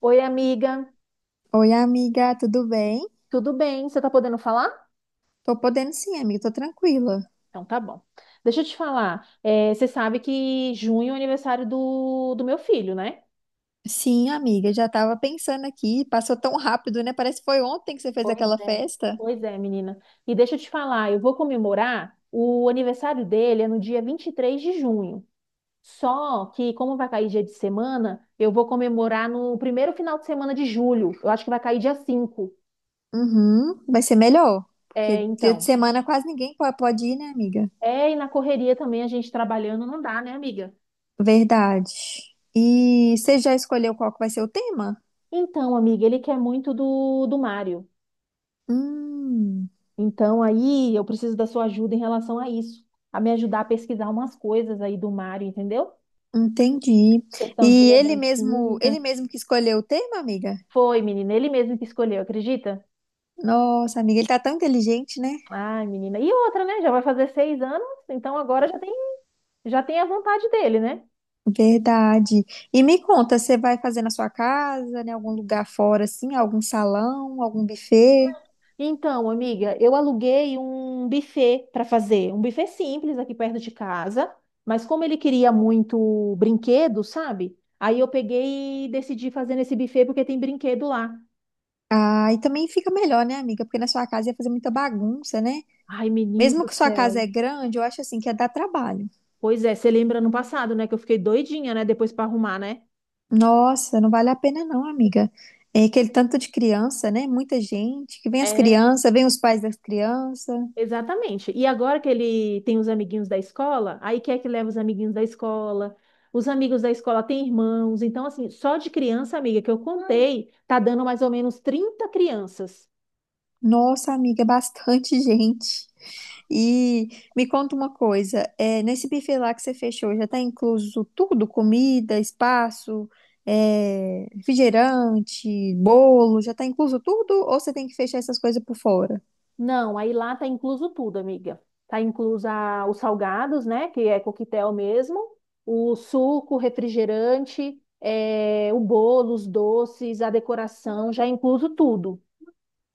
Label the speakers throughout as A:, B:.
A: Oi, amiga,
B: Oi, amiga, tudo bem?
A: tudo bem? Você tá podendo falar?
B: Tô podendo sim, amiga, tô tranquila.
A: Então tá bom. Deixa eu te falar, você sabe que junho é o aniversário do meu filho, né?
B: Sim, amiga, já tava pensando aqui, passou tão rápido, né? Parece que foi ontem que você fez
A: Pois
B: aquela
A: é.
B: festa.
A: Pois é, menina. E deixa eu te falar, eu vou comemorar o aniversário dele é no dia 23 de junho. Só que, como vai cair dia de semana, eu vou comemorar no primeiro final de semana de julho. Eu acho que vai cair dia 5.
B: Uhum, vai ser melhor,
A: É,
B: porque dia de
A: então.
B: semana quase ninguém pode ir, né, amiga?
A: É, e na correria também a gente trabalhando não dá, né, amiga?
B: Verdade. E você já escolheu qual que vai ser o tema?
A: Então, amiga, ele quer muito do Mário.
B: Hum,
A: Então, aí eu preciso da sua ajuda em relação a isso, a me ajudar a pesquisar umas coisas aí do Mário, entendeu?
B: entendi.
A: Questão de
B: E ele mesmo,
A: lembrancinha.
B: ele mesmo que escolheu o tema, amiga?
A: Foi, menina, ele mesmo que escolheu, acredita?
B: Nossa, amiga, ele tá tão inteligente, né?
A: Ai, menina. E outra, né? Já vai fazer 6 anos, então já tem a vontade dele, né?
B: Verdade. E me conta, você vai fazer na sua casa, em algum lugar fora, assim, algum salão, algum buffet?
A: Então, amiga, eu aluguei um buffet para fazer, um buffet simples aqui perto de casa, mas como ele queria muito brinquedo, sabe? Aí eu peguei e decidi fazer nesse buffet porque tem brinquedo lá.
B: Ah, e também fica melhor, né, amiga? Porque na sua casa ia fazer muita bagunça, né?
A: Ai, menino
B: Mesmo
A: do
B: que sua casa
A: céu.
B: é grande, eu acho assim que ia dar trabalho.
A: Pois é, você lembra no passado, né? Que eu fiquei doidinha, né? Depois pra arrumar, né?
B: Nossa, não vale a pena não, amiga. É aquele tanto de criança, né? Muita gente, que vem as
A: É,
B: crianças, vem os pais das crianças.
A: exatamente. E agora que ele tem os amiguinhos da escola, aí quer que leva os amiguinhos da escola. Os amigos da escola têm irmãos. Então, assim, só de criança, amiga, que eu contei, tá dando mais ou menos 30 crianças.
B: Nossa, amiga, é bastante gente. E me conta uma coisa, nesse buffet lá que você fechou, já está incluso tudo? Comida, espaço, refrigerante, bolo, já está incluso tudo? Ou você tem que fechar essas coisas por fora?
A: Não, aí lá tá incluso tudo, amiga. Tá incluso os salgados, né? Que é coquetel mesmo, o suco, refrigerante, o bolo, os doces, a decoração, já é incluso tudo.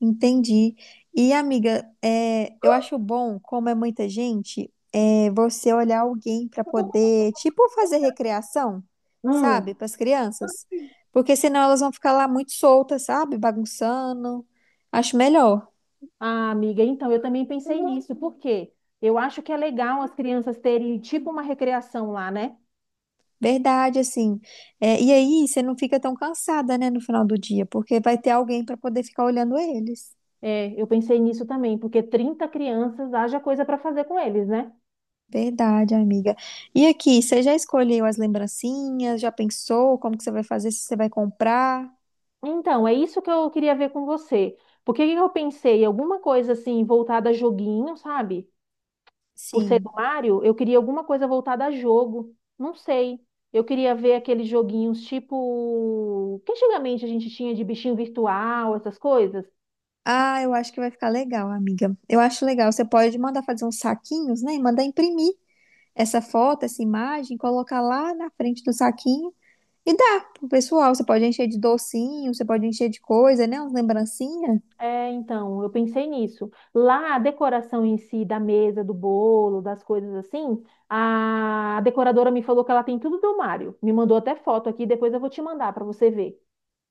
B: Entendi. E, amiga, eu acho bom, como é muita gente, é você olhar alguém para poder, tipo, fazer recreação, sabe,
A: Hum.
B: para as crianças. Porque senão elas vão ficar lá muito soltas, sabe, bagunçando. Acho melhor,
A: Ah, amiga, então eu também pensei nisso, porque eu acho que é legal as crianças terem tipo uma recreação lá, né?
B: verdade, assim. É, e aí você não fica tão cansada, né, no final do dia, porque vai ter alguém para poder ficar olhando eles.
A: É, eu pensei nisso também, porque 30 crianças haja coisa para fazer com eles, né?
B: Verdade, amiga. E aqui, você já escolheu as lembrancinhas? Já pensou como que você vai fazer, se você vai comprar?
A: Então, é isso que eu queria ver com você. Porque o que que eu pensei? Alguma coisa assim voltada a joguinho, sabe? Por ser do
B: Sim.
A: Mário, eu queria alguma coisa voltada a jogo. Não sei. Eu queria ver aqueles joguinhos tipo que antigamente a gente tinha de bichinho virtual, essas coisas.
B: Ah, eu acho que vai ficar legal, amiga. Eu acho legal. Você pode mandar fazer uns saquinhos, né? E mandar imprimir essa foto, essa imagem, colocar lá na frente do saquinho e dá pro pessoal. Você pode encher de docinho, você pode encher de coisa, né? Uns lembrancinhas.
A: É, então, eu pensei nisso. Lá, a decoração em si da mesa, do bolo, das coisas assim, a decoradora me falou que ela tem tudo do Mário. Me mandou até foto aqui, depois eu vou te mandar para você ver.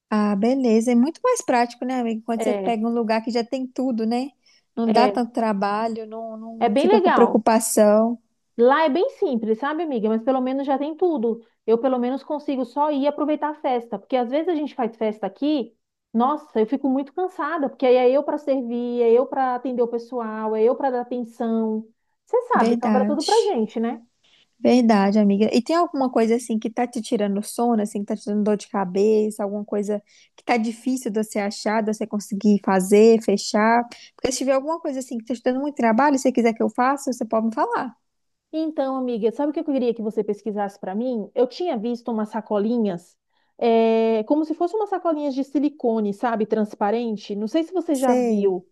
B: Ah, beleza. É muito mais prático, né, amiga? Quando você
A: É,
B: pega um lugar que já tem tudo, né? Não dá
A: é,
B: tanto trabalho,
A: é
B: não
A: bem
B: fica com
A: legal.
B: preocupação.
A: Lá é bem simples, sabe, amiga? Mas pelo menos já tem tudo. Eu pelo menos consigo só ir aproveitar a festa, porque às vezes a gente faz festa aqui, nossa, eu fico muito cansada, porque aí é eu para servir, é eu para atender o pessoal, é eu para dar atenção. Você sabe, sobra tudo
B: Verdade.
A: pra gente, né?
B: Verdade, amiga. E tem alguma coisa assim que tá te tirando sono, assim, que tá te dando dor de cabeça, alguma coisa que tá difícil de você achar, de você conseguir fazer, fechar? Porque se tiver alguma coisa assim que tá te dando muito trabalho, e você quiser que eu faça, você pode me falar.
A: Então, amiga, sabe o que eu queria que você pesquisasse para mim? Eu tinha visto umas sacolinhas, como se fossem umas sacolinhas de silicone, sabe, transparente. Não sei se você já
B: Sei,
A: viu.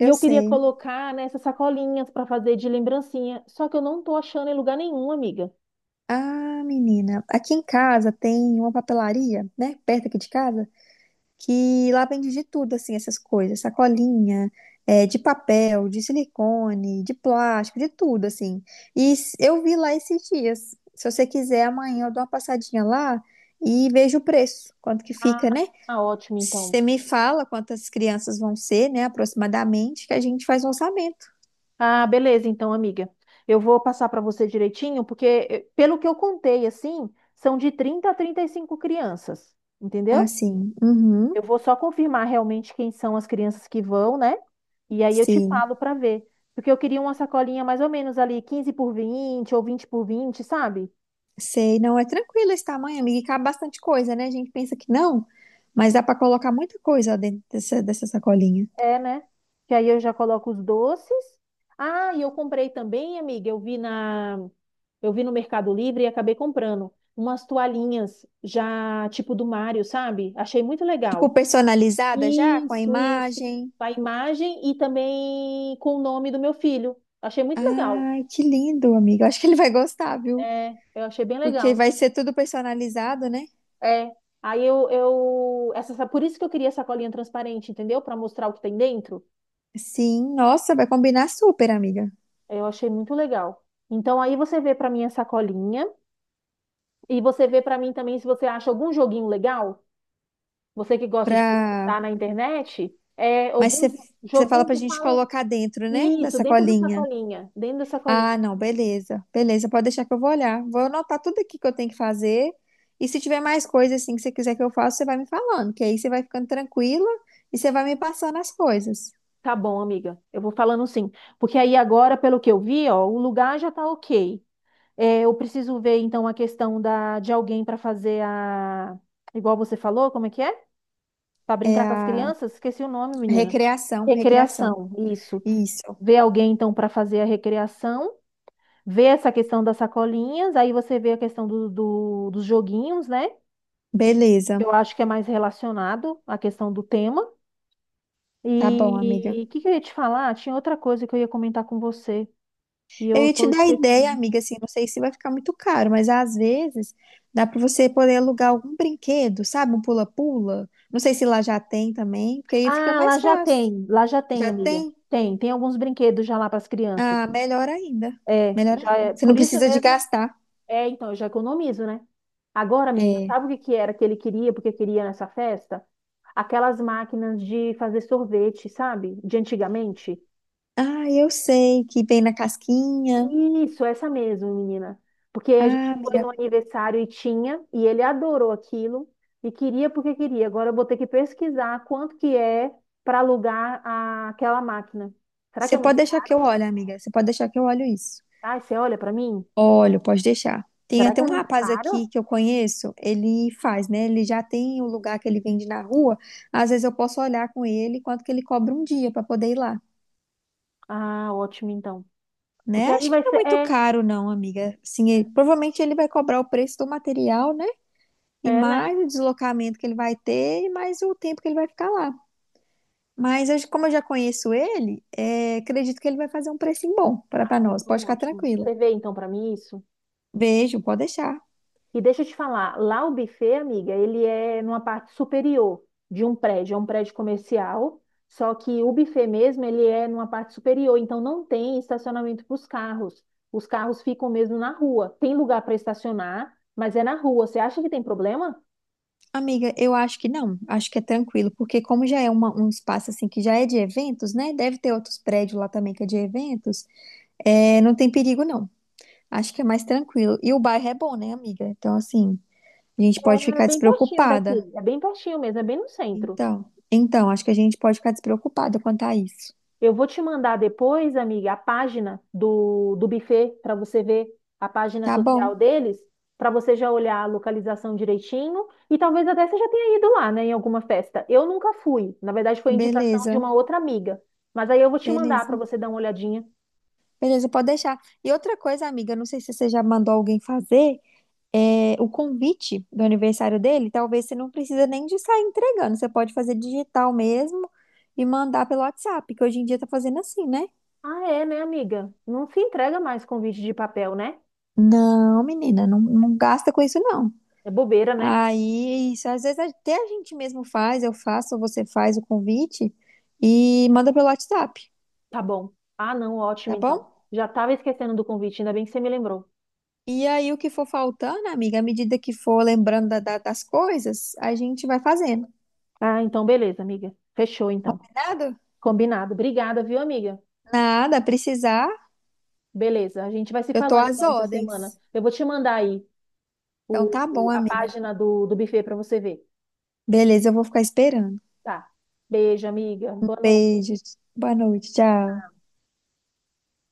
A: E eu queria
B: sei.
A: colocar nessas sacolinhas para fazer de lembrancinha. Só que eu não tô achando em lugar nenhum, amiga.
B: Ah, menina, aqui em casa tem uma papelaria, né, perto aqui de casa, que lá vende de tudo, assim, essas coisas, sacolinha, de papel, de silicone, de plástico, de tudo, assim. E eu vi lá esses dias. Se você quiser, amanhã eu dou uma passadinha lá e vejo o preço, quanto que
A: Ah,
B: fica, né?
A: ah, ótimo, então.
B: Você me fala quantas crianças vão ser, né, aproximadamente, que a gente faz o orçamento.
A: Ah, beleza, então, amiga. Eu vou passar para você direitinho, porque pelo que eu contei, assim, são de 30 a 35 crianças,
B: Ah,
A: entendeu?
B: sim. Uhum.
A: Eu vou só confirmar realmente quem são as crianças que vão, né? E aí eu te
B: Sim.
A: falo para ver. Porque eu queria uma sacolinha mais ou menos ali, 15 por 20 ou 20 por 20, sabe?
B: Sei, não é tranquilo esse tamanho, amiga, e cabe bastante coisa, né? A gente pensa que não, mas dá para colocar muita coisa dentro dessa sacolinha.
A: É, né? Que aí eu já coloco os doces. Ah, e eu comprei também, amiga, eu vi no Mercado Livre e acabei comprando umas toalhinhas já tipo do Mário, sabe? Achei muito
B: Tipo,
A: legal.
B: personalizada já, com a
A: Isso, isso.
B: imagem.
A: Com a imagem e também com o nome do meu filho. Achei muito legal.
B: Ai, que lindo, amiga. Eu acho que ele vai gostar, viu?
A: É, eu achei bem
B: Porque
A: legal.
B: vai ser tudo personalizado, né?
A: É. Aí eu essa, essa- por isso que eu queria essa colinha transparente, entendeu? Para mostrar o que tem dentro.
B: Sim, nossa, vai combinar super, amiga.
A: Eu achei muito legal. Então aí você vê para mim essa colinha e você vê para mim também se você acha algum joguinho legal, você que gosta de
B: Pra...
A: pesquisar na internet, é
B: Mas
A: algum
B: você você fala
A: joguinho
B: pra
A: que
B: gente
A: faz
B: colocar dentro, né? Da
A: isso dentro dessa
B: sacolinha.
A: colinha, dentro dessa colinha.
B: Ah, não, beleza. Beleza, pode deixar que eu vou olhar. Vou anotar tudo aqui que eu tenho que fazer. E se tiver mais coisa assim que você quiser que eu faça, você vai me falando, que aí você vai ficando tranquila e você vai me passando as coisas.
A: Tá bom, amiga. Eu vou falando sim, porque aí agora, pelo que eu vi, ó, o lugar já tá ok. É, eu preciso ver, então, a questão de alguém para fazer a. Igual você falou, como é que é? Para
B: É
A: brincar com as
B: a
A: crianças? Esqueci o nome, menina.
B: recreação.
A: Recreação, isso.
B: Isso.
A: Ver alguém, então, para fazer a recreação. Ver essa questão das sacolinhas. Aí você vê a questão dos joguinhos, né?
B: Beleza.
A: Eu acho que é mais relacionado à questão do tema.
B: Tá bom, amiga.
A: E que eu ia te falar? Tinha outra coisa que eu ia comentar com você. E
B: Eu
A: eu
B: ia te
A: tô
B: dar ideia,
A: esquecendo.
B: amiga, assim, não sei se vai ficar muito caro, mas às vezes dá pra você poder alugar algum brinquedo, sabe? Um pula-pula. Não sei se lá já tem também, porque aí fica mais fácil.
A: Lá já tem,
B: Já
A: amiga.
B: tem?
A: Tem alguns brinquedos já lá para as crianças.
B: Ah, melhor ainda.
A: É,
B: Melhor
A: já
B: ainda.
A: é,
B: Você não
A: por isso
B: precisa de
A: mesmo.
B: gastar.
A: É, então, eu já economizo, né? Agora, menina,
B: É.
A: sabe o que que era que ele queria, porque queria nessa festa? Aquelas máquinas de fazer sorvete, sabe? De antigamente.
B: Ah, eu sei que vem na casquinha.
A: Isso, essa mesmo, menina. Porque a
B: Ah,
A: gente foi
B: amiga.
A: no aniversário e tinha, e ele adorou aquilo e queria porque queria. Agora eu vou ter que pesquisar quanto que é para alugar aquela máquina. Será que
B: Você
A: é
B: pode
A: muito.
B: deixar que eu olhe, amiga. Você pode deixar que eu olho isso.
A: Ai, você olha pra mim?
B: Olha, pode deixar. Tem
A: Será
B: até
A: que
B: um
A: é muito
B: rapaz aqui
A: caro?
B: que eu conheço, ele faz, né? Ele já tem o lugar que ele vende na rua. Às vezes eu posso olhar com ele quanto que ele cobra um dia para poder ir lá,
A: Ah, ótimo então. Porque
B: né?
A: aí
B: Acho que
A: vai
B: não é
A: ser.
B: muito caro, não, amiga. Assim, provavelmente ele vai cobrar o preço do material, né? E
A: Né?
B: mais o deslocamento que ele vai ter, e mais o tempo que ele vai ficar lá. Como eu já conheço ele, acredito que ele vai fazer um precinho bom para
A: Ah,
B: nós. Pode
A: então
B: ficar
A: ótimo.
B: tranquila.
A: Você vê então pra mim isso?
B: Beijo, pode deixar.
A: E deixa eu te falar, lá o buffet, amiga, ele é numa parte superior de um prédio, é um prédio comercial, só que o buffet mesmo, ele é numa parte superior, então não tem estacionamento para os carros. Os carros ficam mesmo na rua. Tem lugar para estacionar, mas é na rua. Você acha que tem problema?
B: Amiga, eu acho que não, acho que é tranquilo, porque como já é um espaço assim que já é de eventos, né? Deve ter outros prédios lá também que é de eventos, não tem perigo não. Acho que é mais tranquilo. E o bairro é bom, né, amiga? Então, assim, a gente pode
A: É
B: ficar
A: bem pertinho
B: despreocupada.
A: daqui, é bem pertinho mesmo, é bem no centro.
B: Então, então, acho que a gente pode ficar despreocupada quanto a isso.
A: Eu vou te mandar depois, amiga, a página do buffet para você ver a página
B: Tá bom,
A: social deles, para você já olhar a localização direitinho e talvez até você já tenha ido lá, né, em alguma festa. Eu nunca fui, na verdade foi indicação de
B: beleza,
A: uma outra amiga, mas aí eu vou te mandar para
B: beleza,
A: você dar uma olhadinha.
B: beleza, pode deixar. E outra coisa, amiga, não sei se você já mandou alguém fazer o convite do aniversário dele, talvez você não precisa nem de sair entregando, você pode fazer digital mesmo e mandar pelo WhatsApp, que hoje em dia tá fazendo assim, né?
A: Ah, é, né, amiga? Não se entrega mais convite de papel, né?
B: Não, menina, não, não gasta com isso não.
A: É bobeira, né?
B: Aí, é isso, às vezes até a gente mesmo faz, eu faço, ou você faz o convite e manda pelo WhatsApp,
A: Tá bom. Ah, não, ótimo
B: tá bom?
A: então. Já estava esquecendo do convite, ainda bem que você me lembrou.
B: E aí, o que for faltando, amiga, à medida que for lembrando das coisas, a gente vai fazendo.
A: Ah, então beleza, amiga. Fechou então.
B: Nada?
A: Combinado. Obrigada, viu, amiga?
B: Nada, precisar,
A: Beleza, a gente vai se
B: eu tô
A: falando
B: às
A: então essa semana.
B: ordens.
A: Eu vou te mandar aí
B: Então
A: o,
B: tá bom,
A: o- a
B: amiga.
A: página do buffet para você ver.
B: Beleza, eu vou ficar esperando.
A: Tá. Beijo, amiga. Boa noite.
B: Beijos. Boa noite. Tchau.